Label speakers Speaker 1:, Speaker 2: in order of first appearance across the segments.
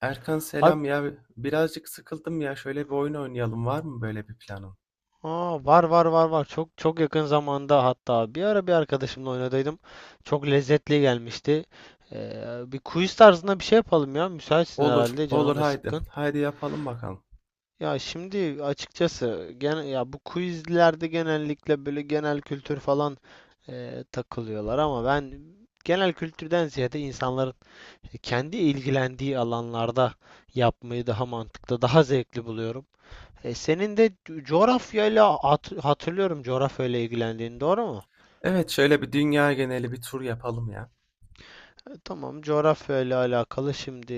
Speaker 1: Erkan
Speaker 2: Harp.
Speaker 1: selam ya. Birazcık sıkıldım ya. Şöyle bir oyun oynayalım. Var mı böyle bir planın?
Speaker 2: Aa, var var var var çok çok yakın zamanda hatta bir ara bir arkadaşımla oynadaydım. Çok lezzetli gelmişti. Bir quiz tarzında bir şey yapalım ya. Müsaitsin
Speaker 1: Olur,
Speaker 2: herhalde,
Speaker 1: olur,
Speaker 2: canın da
Speaker 1: haydi.
Speaker 2: sıkkın.
Speaker 1: Haydi, yapalım bakalım.
Speaker 2: Ya şimdi açıkçası gene ya bu quizlerde genellikle böyle genel kültür falan takılıyorlar, ama ben genel kültürden ziyade insanların kendi ilgilendiği alanlarda yapmayı daha mantıklı, daha zevkli buluyorum. Senin de coğrafyayla hatırlıyorum, coğrafyayla ilgilendiğini, doğru mu?
Speaker 1: Evet, şöyle bir dünya geneli bir tur yapalım ya.
Speaker 2: Tamam, coğrafyayla alakalı şimdi,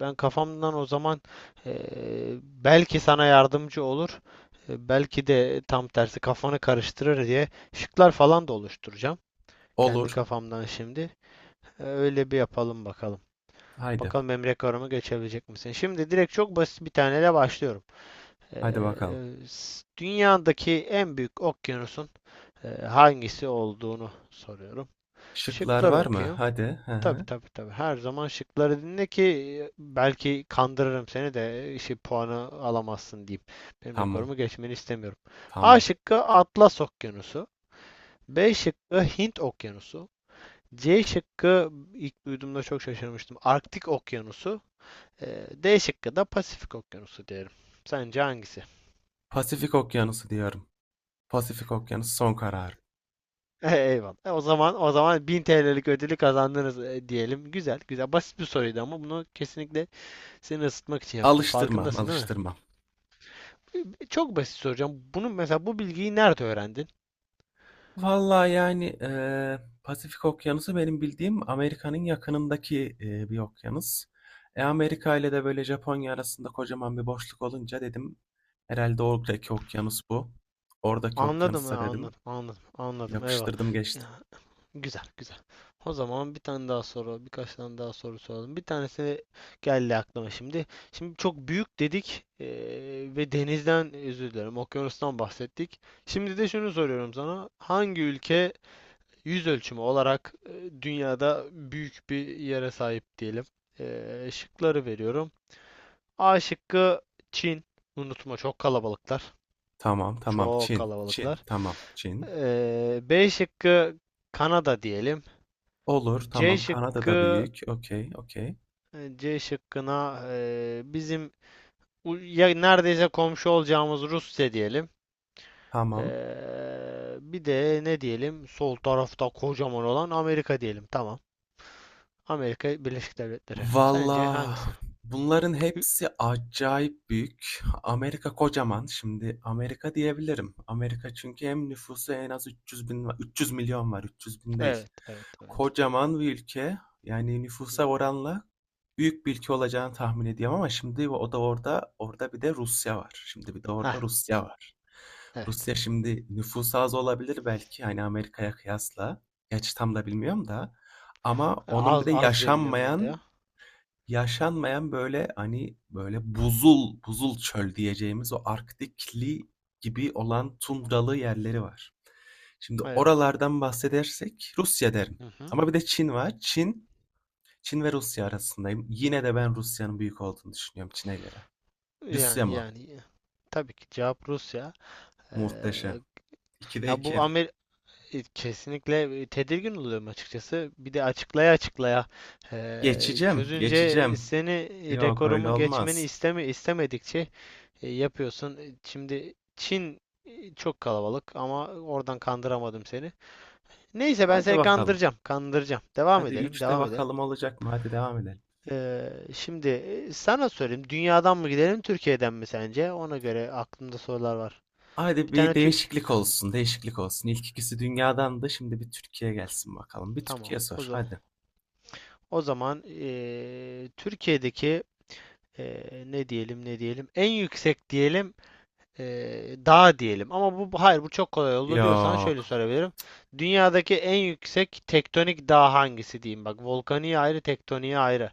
Speaker 2: ben kafamdan o zaman, e, belki sana yardımcı olur, belki de tam tersi kafanı karıştırır diye şıklar falan da oluşturacağım. Kendi
Speaker 1: Olur.
Speaker 2: kafamdan şimdi. Öyle bir yapalım bakalım.
Speaker 1: Haydi.
Speaker 2: Bakalım Emre Karım'ı geçebilecek misin? Şimdi direkt çok basit bir taneyle başlıyorum. E,
Speaker 1: Haydi bakalım.
Speaker 2: Dünyadaki en büyük okyanusun hangisi olduğunu soruyorum.
Speaker 1: Şıklar
Speaker 2: Şıkları
Speaker 1: var mı?
Speaker 2: okuyayım.
Speaker 1: Hadi. Hı
Speaker 2: Tabii
Speaker 1: hı.
Speaker 2: tabii tabii. Her zaman şıkları dinle ki belki kandırırım seni de işi, puanı alamazsın diyeyim. Benim
Speaker 1: Tamam,
Speaker 2: rekorumu geçmeni istemiyorum. A
Speaker 1: tamam.
Speaker 2: şıkkı Atlas Okyanusu. B şıkkı Hint Okyanusu. C şıkkı, ilk duyduğumda çok şaşırmıştım, Arktik Okyanusu. D şıkkı da Pasifik Okyanusu diyelim. Sence hangisi?
Speaker 1: Pasifik Okyanusu diyorum. Pasifik Okyanusu son kararım.
Speaker 2: Eyvallah. O zaman o zaman 1000 TL'lik ödülü kazandınız diyelim. Güzel, güzel. Basit bir soruydu ama bunu kesinlikle seni ısıtmak için yaptım.
Speaker 1: Alıştırmam,
Speaker 2: Farkındasın değil mi?
Speaker 1: alıştırmam.
Speaker 2: Çok basit soracağım. Bunu mesela, bu bilgiyi nerede öğrendin?
Speaker 1: Vallahi, yani, Pasifik Okyanusu benim bildiğim Amerika'nın yakınındaki, bir okyanus. Amerika ile de, böyle, Japonya arasında kocaman bir boşluk olunca dedim, herhalde oradaki okyanus bu. Oradaki
Speaker 2: Anladım,
Speaker 1: okyanusta dedim,
Speaker 2: anladım, anladım, anladım. Eyvallah.
Speaker 1: yapıştırdım
Speaker 2: Ya,
Speaker 1: geçtim.
Speaker 2: güzel, güzel. O zaman bir tane daha soru, birkaç tane daha soru soralım. Bir tanesi geldi aklıma şimdi. Şimdi çok büyük dedik, ve denizden, özür dilerim, okyanustan bahsettik. Şimdi de şunu soruyorum sana. Hangi ülke yüz ölçümü olarak dünyada büyük bir yere sahip diyelim. Şıkları veriyorum. A şıkkı Çin. Unutma, çok kalabalıklar.
Speaker 1: Tamam, tamam,
Speaker 2: Çok
Speaker 1: Çin, Çin,
Speaker 2: kalabalıklar.
Speaker 1: tamam, Çin.
Speaker 2: B şıkkı Kanada diyelim.
Speaker 1: Olur,
Speaker 2: C
Speaker 1: tamam, Kanada da
Speaker 2: şıkkı
Speaker 1: büyük, okay, okay,
Speaker 2: C şıkkına, bizim ya neredeyse komşu olacağımız, Rusya diyelim.
Speaker 1: tamam.
Speaker 2: Bir de ne diyelim? Sol tarafta kocaman olan Amerika diyelim. Tamam. Amerika Birleşik Devletleri. Sence
Speaker 1: Valla
Speaker 2: hangisi?
Speaker 1: bunların
Speaker 2: Hı,
Speaker 1: hepsi acayip büyük. Amerika kocaman. Şimdi Amerika diyebilirim. Amerika çünkü hem nüfusu en az 300 bin, va- 300 milyon var. 300 bin değil.
Speaker 2: evet, evet, evet.
Speaker 1: Kocaman bir ülke. Yani nüfusa oranla büyük bir ülke olacağını tahmin ediyorum ama şimdi o da orada bir de Rusya var. Şimdi bir de orada
Speaker 2: Ha,
Speaker 1: Rusya var.
Speaker 2: evet.
Speaker 1: Rusya şimdi nüfusu az olabilir belki hani Amerika'ya kıyasla. Gerçi tam da bilmiyorum da. Ama onun bir
Speaker 2: Az
Speaker 1: de
Speaker 2: az diye biliyorum ben de ya.
Speaker 1: yaşanmayan yaşanmayan, böyle, hani, böyle, buzul buzul çöl diyeceğimiz o Arktikli gibi olan tundralı yerleri var. Şimdi
Speaker 2: Eyvallah.
Speaker 1: oralardan bahsedersek Rusya derim
Speaker 2: Hı hı.
Speaker 1: ama bir de Çin var. Çin, Çin ve Rusya arasındayım. Yine de ben Rusya'nın büyük olduğunu düşünüyorum Çin'e göre. Rusya
Speaker 2: Yani
Speaker 1: mı?
Speaker 2: yani tabii ki cevap Rusya. Ee,
Speaker 1: Muhteşem. 2'de
Speaker 2: Ya
Speaker 1: 2.
Speaker 2: Kesinlikle tedirgin oluyorum açıkçası. Bir de açıklaya açıklaya,
Speaker 1: Geçeceğim,
Speaker 2: çözünce
Speaker 1: geçeceğim.
Speaker 2: seni,
Speaker 1: Yok, öyle
Speaker 2: rekorumu geçmeni
Speaker 1: olmaz.
Speaker 2: istemedikçe yapıyorsun. Şimdi Çin çok kalabalık ama oradan kandıramadım seni. Neyse, ben
Speaker 1: Haydi
Speaker 2: seni
Speaker 1: bakalım.
Speaker 2: kandıracağım, kandıracağım. Devam
Speaker 1: Hadi
Speaker 2: edelim,
Speaker 1: üçte
Speaker 2: devam edelim.
Speaker 1: bakalım olacak mı? Hadi devam edelim.
Speaker 2: Şimdi sana sorayım. Dünyadan mı gidelim, Türkiye'den mi sence? Ona göre aklımda sorular var.
Speaker 1: Hadi
Speaker 2: Bir
Speaker 1: bir
Speaker 2: tane tü...
Speaker 1: değişiklik olsun, değişiklik olsun. İlk ikisi dünyadan da şimdi bir Türkiye gelsin bakalım. Bir Türkiye
Speaker 2: Tamam, o
Speaker 1: sor,
Speaker 2: zaman.
Speaker 1: hadi.
Speaker 2: O zaman Türkiye'deki e, ne diyelim en yüksek diyelim e, dağ diyelim. Ama hayır, bu çok kolay oldu diyorsan şöyle
Speaker 1: Yok.
Speaker 2: sorabilirim. Dünyadaki en yüksek tektonik dağ hangisi diyeyim bak. Volkaniği ayrı, tektoniği ayrı.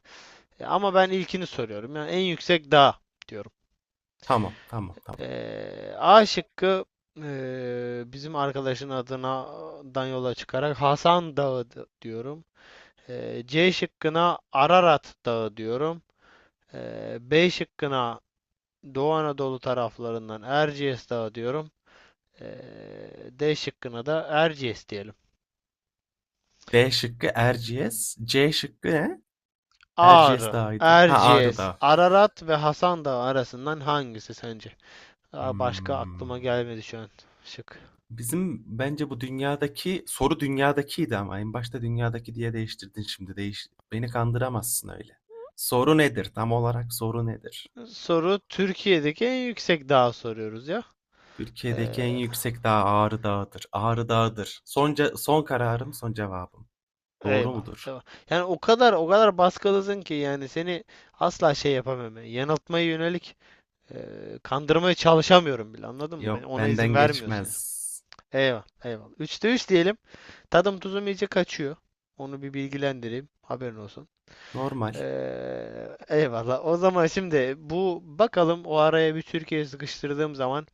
Speaker 2: Ama ben ilkini soruyorum. Yani en yüksek dağ diyorum.
Speaker 1: Tamam, tamam, tamam.
Speaker 2: A şıkkı, bizim arkadaşın adından yola çıkarak Hasan Dağı diyorum. C şıkkına Ararat Dağı diyorum. B şıkkına Doğu Anadolu taraflarından Erciyes Dağı diyorum. D şıkkına da Erciyes diyelim.
Speaker 1: B şıkkı Erciyes, C şıkkı ne? Erciyes
Speaker 2: Ağrı,
Speaker 1: Dağı'ydı. Ha, Ağrı
Speaker 2: Erciyes,
Speaker 1: Dağı.
Speaker 2: Ararat ve Hasan Dağı arasından hangisi sence? Daha başka
Speaker 1: Hmm.
Speaker 2: aklıma gelmedi şu an, şık.
Speaker 1: Bizim bence bu dünyadaki soru dünyadakiydi ama en başta dünyadaki diye değiştirdin şimdi. Değiş, beni kandıramazsın öyle. Soru nedir? Tam olarak soru nedir?
Speaker 2: Soru Türkiye'deki en yüksek dağı soruyoruz ya.
Speaker 1: Türkiye'deki
Speaker 2: Ee,
Speaker 1: en yüksek dağ Ağrı Dağı'dır. Ağrı Dağı'dır. Son, ce- son kararım, son cevabım. Doğru
Speaker 2: Eyvallah,
Speaker 1: mudur?
Speaker 2: eyvallah. Yani o kadar o kadar baskılısın ki, yani seni asla şey yapamıyorum, yani, yanıltmaya yönelik kandırmaya çalışamıyorum bile. Anladın mı? Ben
Speaker 1: Yok,
Speaker 2: ona izin
Speaker 1: benden
Speaker 2: vermiyorsun yani.
Speaker 1: geçmez.
Speaker 2: Eyvallah, eyvallah. Üçte üç diyelim. Tadım tuzum iyice kaçıyor. Onu bir bilgilendireyim. Haberin olsun.
Speaker 1: Normal.
Speaker 2: Eyvallah. O zaman şimdi, bu bakalım, o araya bir Türkiye sıkıştırdığım zaman,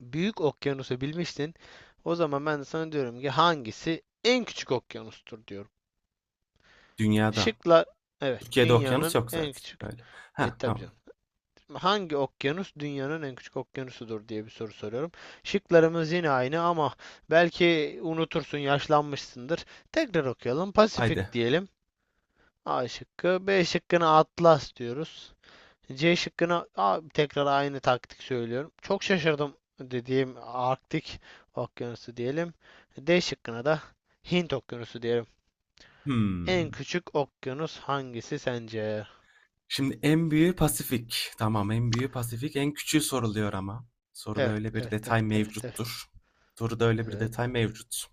Speaker 2: büyük okyanusu bilmiştin. O zaman ben de sana diyorum ki hangisi en küçük okyanustur diyorum.
Speaker 1: Dünyada.
Speaker 2: Şıklar, evet,
Speaker 1: Türkiye'de okyanus
Speaker 2: dünyanın
Speaker 1: yok
Speaker 2: en
Speaker 1: zaten.
Speaker 2: küçük,
Speaker 1: Öyle. Ha,
Speaker 2: tabii
Speaker 1: tamam.
Speaker 2: canım. Hangi okyanus dünyanın en küçük okyanusudur diye bir soru soruyorum. Şıklarımız yine aynı, ama belki unutursun, yaşlanmışsındır. Tekrar okuyalım.
Speaker 1: Haydi.
Speaker 2: Pasifik diyelim. A şıkkı. B şıkkına Atlas diyoruz. C şıkkına, a, tekrar aynı taktik söylüyorum, çok şaşırdım dediğim Arktik Okyanusu diyelim. D şıkkına da Hint Okyanusu diyelim. En
Speaker 1: Hmm.
Speaker 2: küçük okyanus hangisi sence?
Speaker 1: Şimdi en büyüğü Pasifik. Tamam, en büyüğü Pasifik. En küçüğü soruluyor ama. Soruda
Speaker 2: Evet,
Speaker 1: öyle bir
Speaker 2: evet,
Speaker 1: detay
Speaker 2: evet, evet, evet.
Speaker 1: mevcuttur. Soruda öyle bir
Speaker 2: Evet.
Speaker 1: detay mevcut.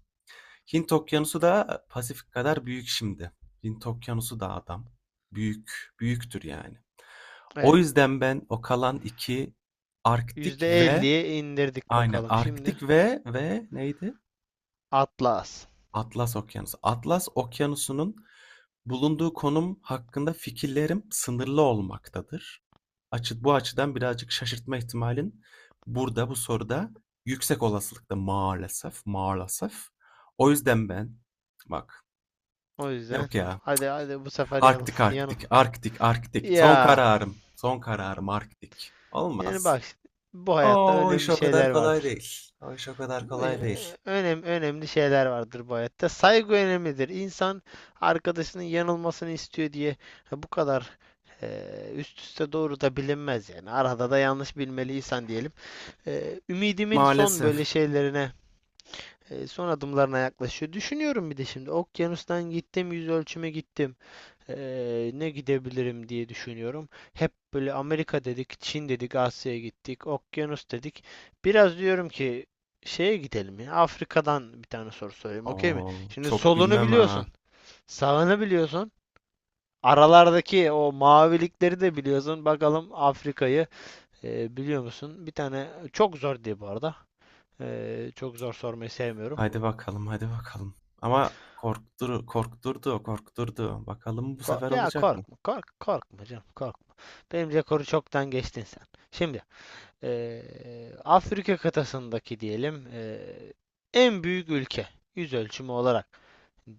Speaker 1: Hint Okyanusu da Pasifik kadar büyük şimdi. Hint Okyanusu da adam. Büyük, büyüktür yani. O
Speaker 2: Evet.
Speaker 1: yüzden ben o kalan iki, Arktik
Speaker 2: Yüzde
Speaker 1: ve
Speaker 2: elliye indirdik
Speaker 1: aynen
Speaker 2: bakalım şimdi.
Speaker 1: Arktik ve neydi?
Speaker 2: Atlas.
Speaker 1: Atlas Okyanusu. Atlas Okyanusu'nun bulunduğu konum hakkında fikirlerim sınırlı olmaktadır. Açı, bu açıdan birazcık şaşırtma ihtimalin burada bu soruda yüksek olasılıkta maalesef, maalesef. O yüzden ben, bak,
Speaker 2: O yüzden
Speaker 1: yok ya,
Speaker 2: hadi hadi bu sefer yanıl.
Speaker 1: Arktik,
Speaker 2: Yanıl.
Speaker 1: Arktik, Arktik, Arktik son
Speaker 2: Ya,
Speaker 1: kararım, son kararım Arktik.
Speaker 2: yani
Speaker 1: Olmaz.
Speaker 2: bak, bu hayatta
Speaker 1: O iş
Speaker 2: önemli
Speaker 1: o kadar
Speaker 2: şeyler
Speaker 1: kolay
Speaker 2: vardır.
Speaker 1: değil. O iş o kadar kolay değil.
Speaker 2: Önemli şeyler vardır bu hayatta. Saygı önemlidir. İnsan arkadaşının yanılmasını istiyor diye bu kadar üst üste doğru da bilinmez yani. Arada da yanlış bilmeli insan diyelim. Ümidimin son böyle
Speaker 1: Maalesef.
Speaker 2: şeylerine, son adımlarına yaklaşıyor. Düşünüyorum, bir de şimdi okyanustan gittim, yüz ölçüme gittim. Ne gidebilirim diye düşünüyorum. Hep böyle Amerika dedik, Çin dedik, Asya'ya gittik, okyanus dedik. Biraz diyorum ki şeye gidelim ya. Afrika'dan bir tane soru sorayım, okey mi?
Speaker 1: Oo,
Speaker 2: Şimdi
Speaker 1: çok
Speaker 2: solunu
Speaker 1: bilmem
Speaker 2: biliyorsun,
Speaker 1: ha.
Speaker 2: sağını biliyorsun. Aralardaki o mavilikleri de biliyorsun. Bakalım Afrika'yı biliyor musun? Bir tane çok zor diye bu arada. Çok zor sormayı sevmiyorum.
Speaker 1: Hadi bakalım, hadi bakalım. Ama korktur, korkturdu, korkturdu. Bakalım bu sefer
Speaker 2: Ya
Speaker 1: olacak mı?
Speaker 2: korkma, korkma canım, korkma. Benim rekoru çoktan geçtin sen. Şimdi Afrika kıtasındaki diyelim, en büyük ülke yüz ölçümü olarak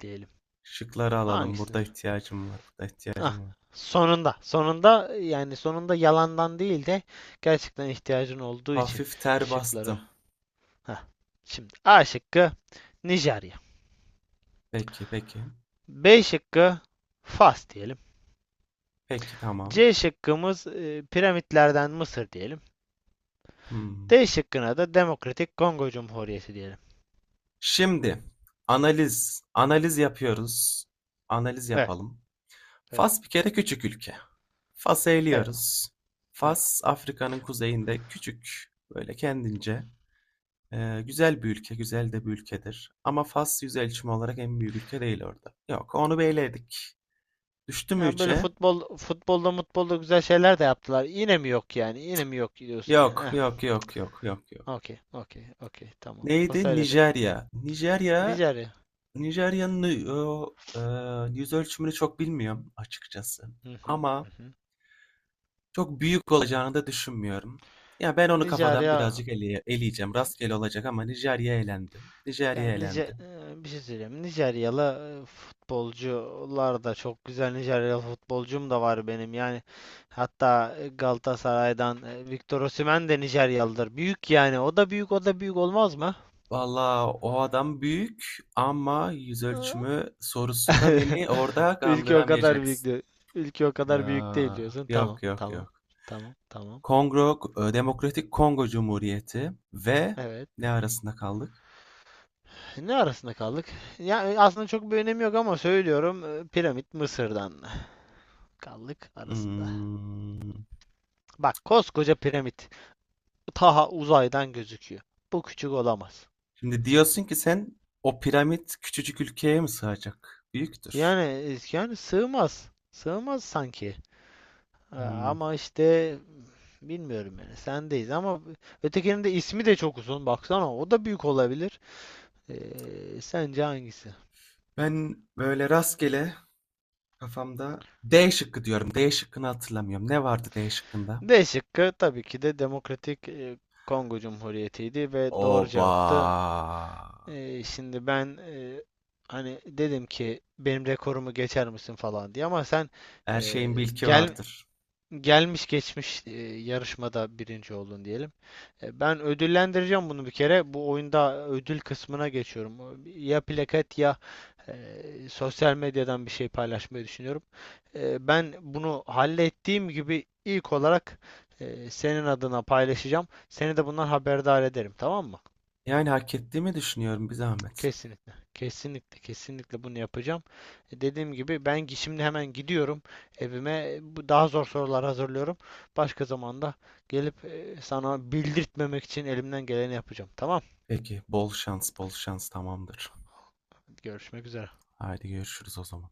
Speaker 2: diyelim.
Speaker 1: Şıkları alalım. Burada
Speaker 2: Hangisidir?
Speaker 1: ihtiyacım var, burada
Speaker 2: Ah,
Speaker 1: ihtiyacım var.
Speaker 2: sonunda, sonunda, yani sonunda, yalandan değil de gerçekten ihtiyacın olduğu için
Speaker 1: Hafif ter
Speaker 2: şıkları.
Speaker 1: bastım.
Speaker 2: Heh. Şimdi A şıkkı Nijerya.
Speaker 1: Peki, peki.
Speaker 2: B şıkkı Fas diyelim.
Speaker 1: Peki, tamam.
Speaker 2: C şıkkımız, piramitlerden Mısır diyelim.
Speaker 1: Hmm.
Speaker 2: D şıkkına da Demokratik Kongo Cumhuriyeti diyelim.
Speaker 1: Şimdi analiz, analiz yapıyoruz. Analiz
Speaker 2: Evet,
Speaker 1: yapalım. Fas
Speaker 2: evet.
Speaker 1: bir kere küçük ülke. Fas'ı
Speaker 2: Eyvallah,
Speaker 1: eliyoruz.
Speaker 2: eyvallah.
Speaker 1: Fas Afrika'nın kuzeyinde küçük, böyle kendince güzel bir ülke, güzel de bir ülkedir. Ama Fas yüz ölçümü olarak en büyük ülke değil orada. Yok, onu bir eledik. Düştü mü
Speaker 2: Yani böyle
Speaker 1: üçe?
Speaker 2: futbol, futbolda, mutbolda güzel şeyler de yaptılar. Yine mi yok yani? Yine mi yok diyorsun?
Speaker 1: Yok,
Speaker 2: Heh,
Speaker 1: yok, yok, yok, yok, yok.
Speaker 2: okey, okey, okey. Tamam.
Speaker 1: Neydi?
Speaker 2: Pasayladım.
Speaker 1: Nijerya. Nijerya,
Speaker 2: Nijerya.
Speaker 1: Nijerya'nın yüz ölçümünü çok bilmiyorum açıkçası.
Speaker 2: Hı hı,
Speaker 1: Ama
Speaker 2: hı hı.
Speaker 1: çok büyük olacağını da düşünmüyorum. Ya ben onu kafadan
Speaker 2: Nijerya,
Speaker 1: birazcık eleye- eleyeceğim. Rastgele olacak ama Nijerya elendi. Nijerya
Speaker 2: yani Nice
Speaker 1: elendi.
Speaker 2: bir şey söyleyeyim. Nijeryalı futbolcular da çok güzel. Nijeryalı futbolcum da var benim. Yani hatta Galatasaray'dan Victor Osimhen de Nijeryalıdır. Büyük yani. O da büyük, o da büyük olmaz mı?
Speaker 1: Valla o adam büyük ama yüz ölçümü sorusunda beni orada
Speaker 2: Ülke o kadar büyük
Speaker 1: kandıramayacaksın.
Speaker 2: diyor. Ülke o kadar büyük değil
Speaker 1: Ya,
Speaker 2: diyorsun. Tamam,
Speaker 1: yok, yok,
Speaker 2: tamam,
Speaker 1: yok.
Speaker 2: tamam, tamam.
Speaker 1: Kongo, Demokratik Kongo Cumhuriyeti ve
Speaker 2: Evet.
Speaker 1: ne arasında kaldık?
Speaker 2: Ne arasında kaldık? Ya aslında çok bir önemi yok ama söylüyorum. Piramit Mısır'dan kaldık arasında.
Speaker 1: Hmm.
Speaker 2: Bak, koskoca piramit. Taha uzaydan gözüküyor. Bu küçük olamaz.
Speaker 1: Şimdi diyorsun ki sen o piramit küçücük ülkeye mi sığacak? Büyüktür.
Speaker 2: Yani, yani sığmaz. Sığmaz sanki. Ha.
Speaker 1: Hmm.
Speaker 2: Ama işte bilmiyorum yani, sendeyiz ama, ötekinin de ismi de çok uzun, baksana, o da büyük olabilir. Sence hangisi?
Speaker 1: Ben böyle rastgele kafamda D şıkkı diyorum. D şıkkını hatırlamıyorum. Ne vardı D şıkkında?
Speaker 2: D şıkkı tabii ki de Demokratik, Kongo Cumhuriyeti'ydi ve doğru
Speaker 1: Oba.
Speaker 2: cevaptı. Şimdi ben, hani dedim ki benim rekorumu geçer misin falan diye, ama sen,
Speaker 1: Her
Speaker 2: e,
Speaker 1: şeyin bilki
Speaker 2: gel
Speaker 1: vardır.
Speaker 2: gelmiş geçmiş yarışmada birinci oldun diyelim. Ben ödüllendireceğim bunu bir kere. Bu oyunda ödül kısmına geçiyorum. Ya plaket ya e, sosyal medyadan bir şey paylaşmayı düşünüyorum. Ben bunu hallettiğim gibi ilk olarak senin adına paylaşacağım. Seni de bundan haberdar ederim, tamam mı?
Speaker 1: Yani hak ettiğimi düşünüyorum bir zahmet.
Speaker 2: Kesinlikle. Kesinlikle, kesinlikle bunu yapacağım. Dediğim gibi, ben şimdi hemen gidiyorum evime. Bu daha zor sorular hazırlıyorum. Başka zamanda gelip sana bildirtmemek için elimden geleni yapacağım. Tamam?
Speaker 1: Peki, bol şans, bol şans, tamamdır.
Speaker 2: Görüşmek üzere.
Speaker 1: Haydi görüşürüz o zaman.